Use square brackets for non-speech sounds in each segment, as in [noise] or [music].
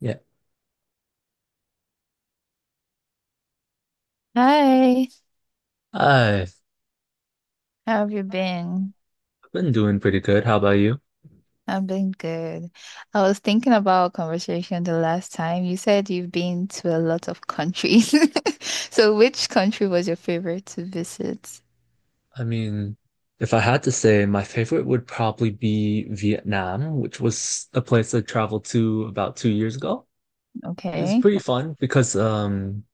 Yeah, Hi, I've how have you been? been doing pretty good. How about you? I've been good. I was thinking about our conversation the last time. You said you've been to a lot of countries. [laughs] So, which country was your favorite to visit? I mean, if I had to say, my favorite would probably be Vietnam, which was a place I traveled to about 2 years ago. It was Okay. pretty fun because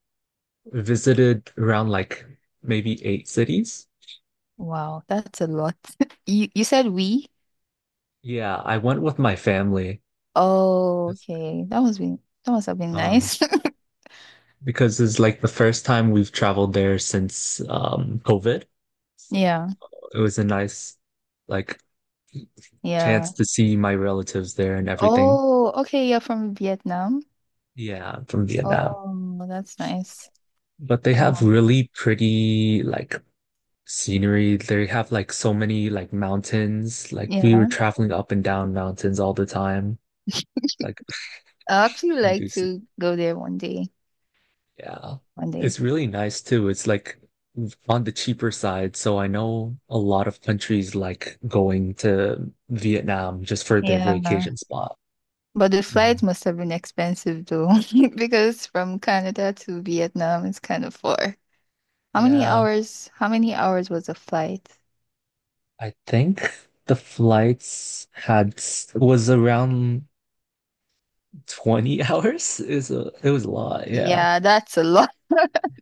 we visited around maybe eight cities. Wow, that's a lot. [laughs] You said we? Yeah, I went with my family. Oh, okay. That must have been Um, nice. [laughs] because it's like the first time we've traveled there since COVID. So Yeah, it was a nice like chance yeah. to see my relatives there and everything. Oh, okay. You're from Vietnam. Yeah, I'm from Vietnam. Oh, that's nice. But they have Oh, really pretty scenery. They have like so many like mountains. Like we were yeah. traveling up and down mountains all the time. Like I [laughs] actually like induced. to go there one day. Yeah. One day. It's really nice too. It's like on the cheaper side. So I know a lot of countries like going to Vietnam just for their Yeah. vacation spot. But the flight Mhm. must have been expensive though, [laughs] because from Canada to Vietnam is kind of far. How many Yeah, hours? How many hours was the flight? I think the flights had s- was around 20 [laughs] hours is a it was a lot, yeah. Yeah, that's a lot. [laughs]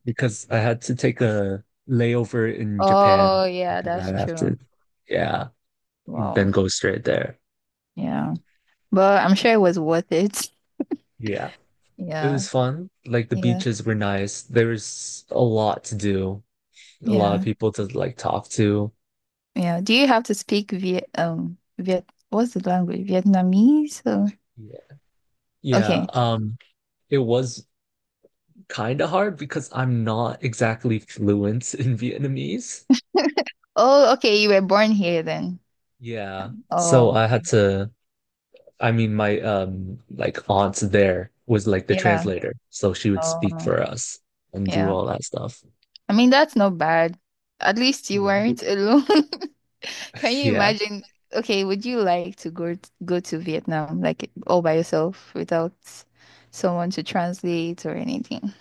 Because I had to take a layover in Japan Oh, and yeah, then that's I'd have to true. yeah, Wow. then go straight there. Yeah. But I'm sure it was worth it. [laughs] Yeah. It Yeah. was fun. Like the Yeah. beaches were nice. There was a lot to do, a lot of Yeah. people to like talk to. Yeah. Do you have to speak Viet, Viet, what's the language? Vietnamese? Or... Yeah. Yeah, Okay. It was kind of hard because I'm not exactly fluent [laughs] in Vietnamese. Oh, okay, you were born here then. Yeah. So Oh, I had to I mean, my like aunt there was like the yeah. translator, so she would speak Oh, for us and do yeah. all that stuff. I mean, that's not bad. At least you Yeah. weren't alone. [laughs] Can you Yeah. imagine? Okay, would you like to go to Vietnam like all by yourself without someone to translate or anything?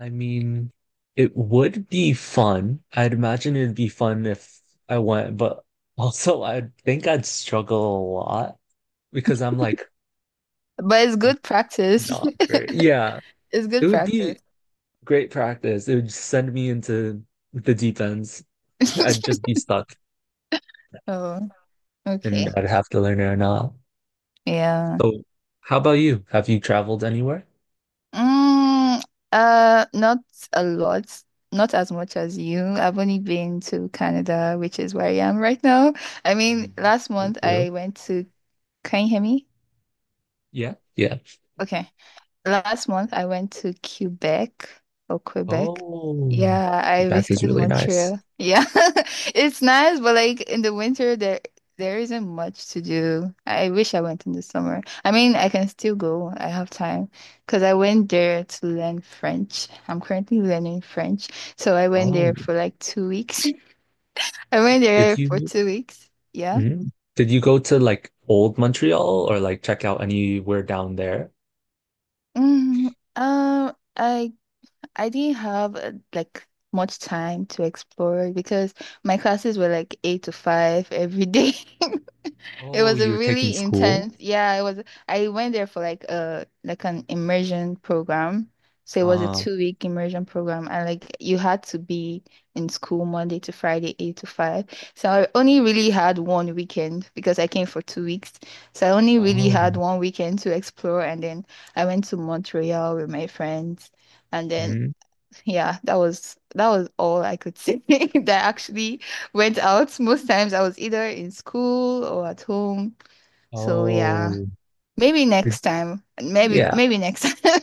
I mean, it would be fun. I'd imagine it'd be fun if I went, but also I think I'd struggle a lot because I'm like But it's good practice. not very. [laughs] Yeah. It's It good would be practice. great practice. It would send me into the deep ends. I'd just [laughs] be stuck Oh, and okay. I'd have to learn it or not. Yeah. So, how about you? Have you traveled anywhere? Mm, not a lot. Not as much as you. I've only been to Canada, which is where I am right now. I mean, Mm, last thank month you. I went to, can you hear me? Yeah. Yeah. Okay. Last month I went to Quebec or Quebec. Oh, Yeah, I back is visited really nice. Montreal. Yeah. [laughs] It's nice, but like in the winter there isn't much to do. I wish I went in the summer. I mean, I can still go. I have time because I went there to learn French. I'm currently learning French. So I went Oh, there for like 2 weeks. [laughs] I went did there for you 2 weeks. Yeah. mhm. Did you go to like old Montreal or like check out anywhere down there? Mm, um, I I didn't have like much time to explore it because my classes were like eight to five every day. [laughs] It Oh, was a you're taking really school? intense. Yeah, it was. I went there for like an immersion program. So it was a Uh-huh. 2 week immersion program, and like you had to be in school Monday to Friday, eight to five. So I only really had one weekend because I came for 2 weeks. So I only really Oh. had one weekend to explore, and then I went to Montreal with my friends. And then Mhm. yeah, that was all I could say [laughs] that actually went out. Most times I was either in school or at home. So yeah, Oh. maybe Did- next time. Maybe yeah. maybe next [laughs] time.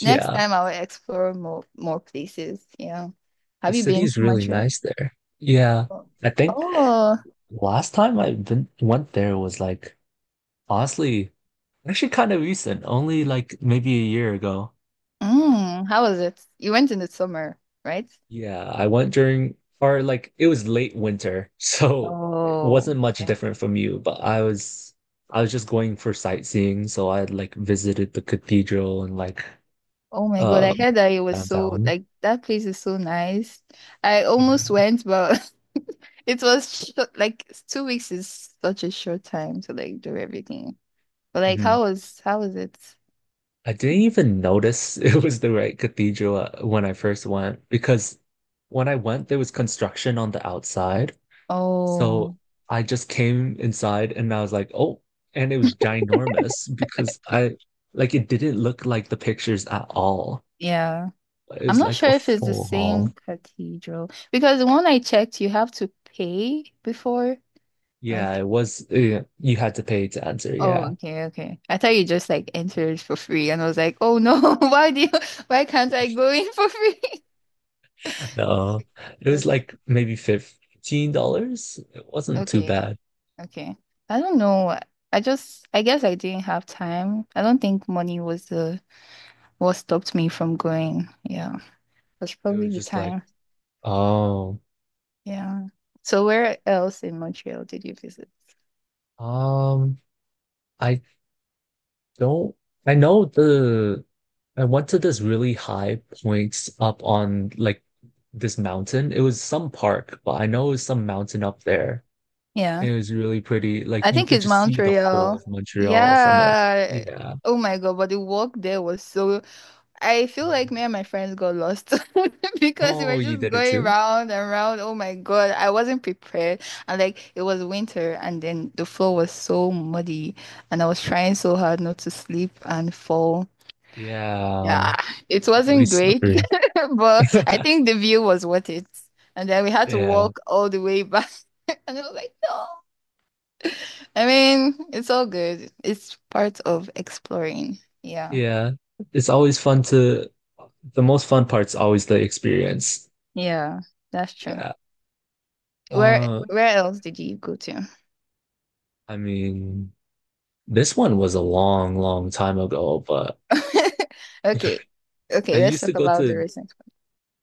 Next Yeah. time I will explore more places. Yeah. The Have you been city's to really Montreal? nice there. Yeah. Oh. I think Oh, last time I been, went there was like honestly, actually kind of recent, only like maybe a year ago. mm, how was it? You went in the summer, right? Yeah, I went during, or like it was late winter, [laughs] so it Oh, wasn't much okay. different from you, but I was just going for sightseeing, so I like visited the cathedral and like Oh my God, I um heard that it was so downtown. like that place is so nice. I almost Yeah. went, but [laughs] It was sh Like 2 weeks is such a short time to like do everything. But like, Hmm. how was it? I didn't even notice [laughs] it was the right cathedral when I first went, because when I went there was construction on the outside. So Oh, I just came inside and I was like, oh, and it was ginormous because I like it didn't look like the pictures at all. yeah. It I'm was not like sure a if it's the full same hall. cathedral because the one I checked, you have to pay before. Yeah, Like, it was. Yeah, you had to pay to enter. oh, Yeah. okay, okay. I thought you just like entered for free, and I was like, oh no, [laughs] why can't I go in for free? [laughs] No, it was Okay, like maybe $15. It wasn't too okay, bad. okay. I don't know. I guess I didn't have time. I don't think money was the what stopped me from going. Yeah, was It probably was the just like, time. oh, Yeah. So where else in Montreal did you visit? um, I Don't I know the I went to this really high point up on like this mountain. It was some park, but I know it was some mountain up there. Yeah, It was really pretty. Like I you think could it's just see the whole Montreal. of Montreal from it. Yeah. Yeah. Oh my God, but the walk there was so. I feel like me and my friends got lost [laughs] because we Oh, were you just did it going too? round and round. Oh my God, I wasn't prepared. And like it was winter, and then the floor was so muddy, and I was trying so hard not to sleep and fall. Yeah. Yeah, it Really wasn't great, slippery. [laughs] but I [laughs] think the view was worth it. And then we had to Yeah. walk all the way back, [laughs] and I was like, no. I mean, it's all good. It's part of exploring. Yeah, Yeah. It's always fun to the most fun part's always the experience. yeah, that's true. Yeah. Where Uh, where else did you go to? I mean, this one was a long, long time ago, but [laughs] Okay, okay, I let's used to talk go about the to recent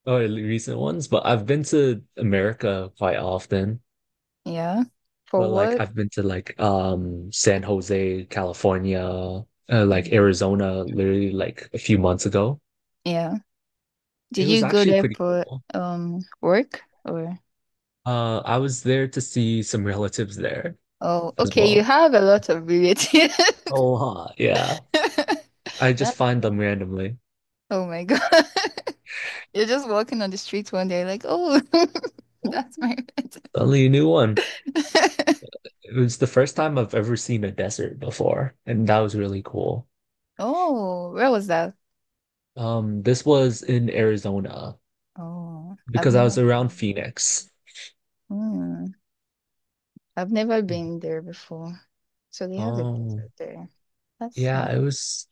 or recent ones, but I've been to America quite often. one. Yeah, for But like work. I've been to like San Jose, California, like Arizona, literally like a few months ago. Yeah, It did was you go actually there pretty for cool. Work or? I was there to see some relatives there Oh, as okay, well. you have a lot of relatives. Oh, huh, yeah. [laughs] I just That's find nice. them randomly. Oh my God. [laughs] You're just walking on the street one day, like, oh, [laughs] Oh, that's my pet. suddenly a new one. [laughs] It was the first time I've ever seen a desert before, and that was really cool. Oh, where was that? This was in Arizona Oh, I've because I never was around been. Phoenix. Hmm, I've never Mhm. been there before. So they have a Um, desert there. That's nice. yeah,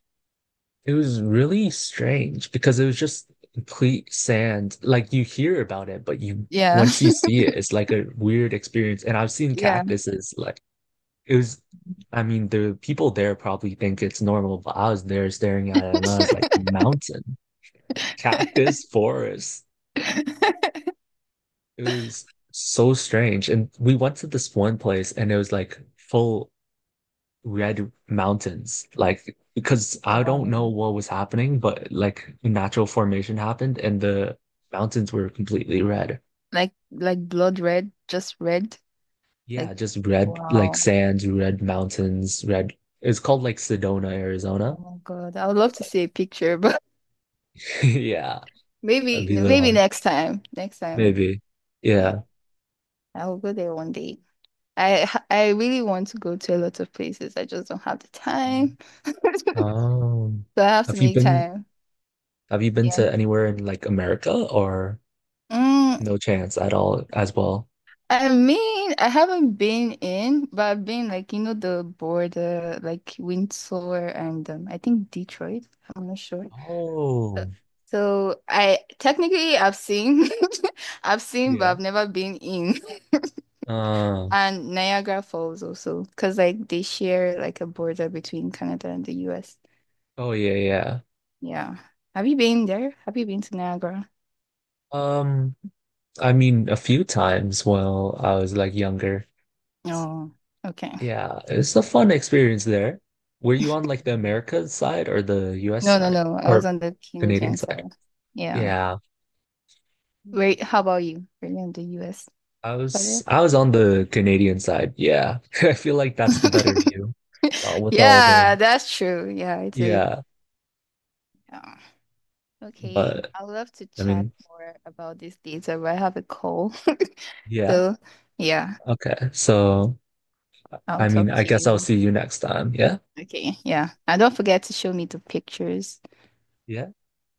it was really strange because it was just complete sand. Like you hear about it, but you Yeah. once you [laughs] see it, it's like a weird experience. And I've seen Yeah. cactuses like it was I mean, the people there probably think it's normal, but I was there staring at it and I was like, mountain, [laughs] cactus, forest. It was so strange. And we went to this one place and it was like full red mountains, like because I don't Wow. know what was happening, but like natural formation happened and the mountains were completely red. Like blood red, just red. Like Yeah, just red, like wow. sands red, mountains red. It's called like Sedona, Oh Arizona. my God. I would love to see a picture, but [laughs] Yeah, [laughs] that'd maybe be the maybe hard next time. Next time. maybe. Yeah. Yeah. I will go there one day. I really want to go to a lot of places. I just don't have the time. Oh, So I have to have you make been time. have you been Yeah. to anywhere in like America or Mm, no chance at all as well? I mean, I haven't been in, but I've been like, you know, the border, like Windsor and I think Detroit. I'm not sure. So, Oh so I technically I've seen, [laughs] I've seen, but yeah. I've never been in. [laughs] uh And Niagara Falls also, because like they share like a border between Canada and the US. oh yeah, yeah. Yeah. Have you been there? Have you been to Niagara? Um, I mean, a few times while I was like younger. Oh, okay. Yeah, Okay. it's a fun experience there. Were you on like the Americas side or the US No, no, side no. I was or on the Canadian Canadian side? side. Yeah. Yeah, Wait, how about you? Were you on the US side? I was on the Canadian side. Yeah. [laughs] I feel like that's the better [laughs] view. With all the Yeah, that's true. Yeah, it is. yeah, Yeah. Okay. but I'd love to I chat mean, more about this later, but I have a call. [laughs] yeah. So, yeah, Okay. So, I'll I mean, talk I to guess I'll you. see you next time. Yeah. Okay. Yeah. And don't forget to show me the pictures. Yeah.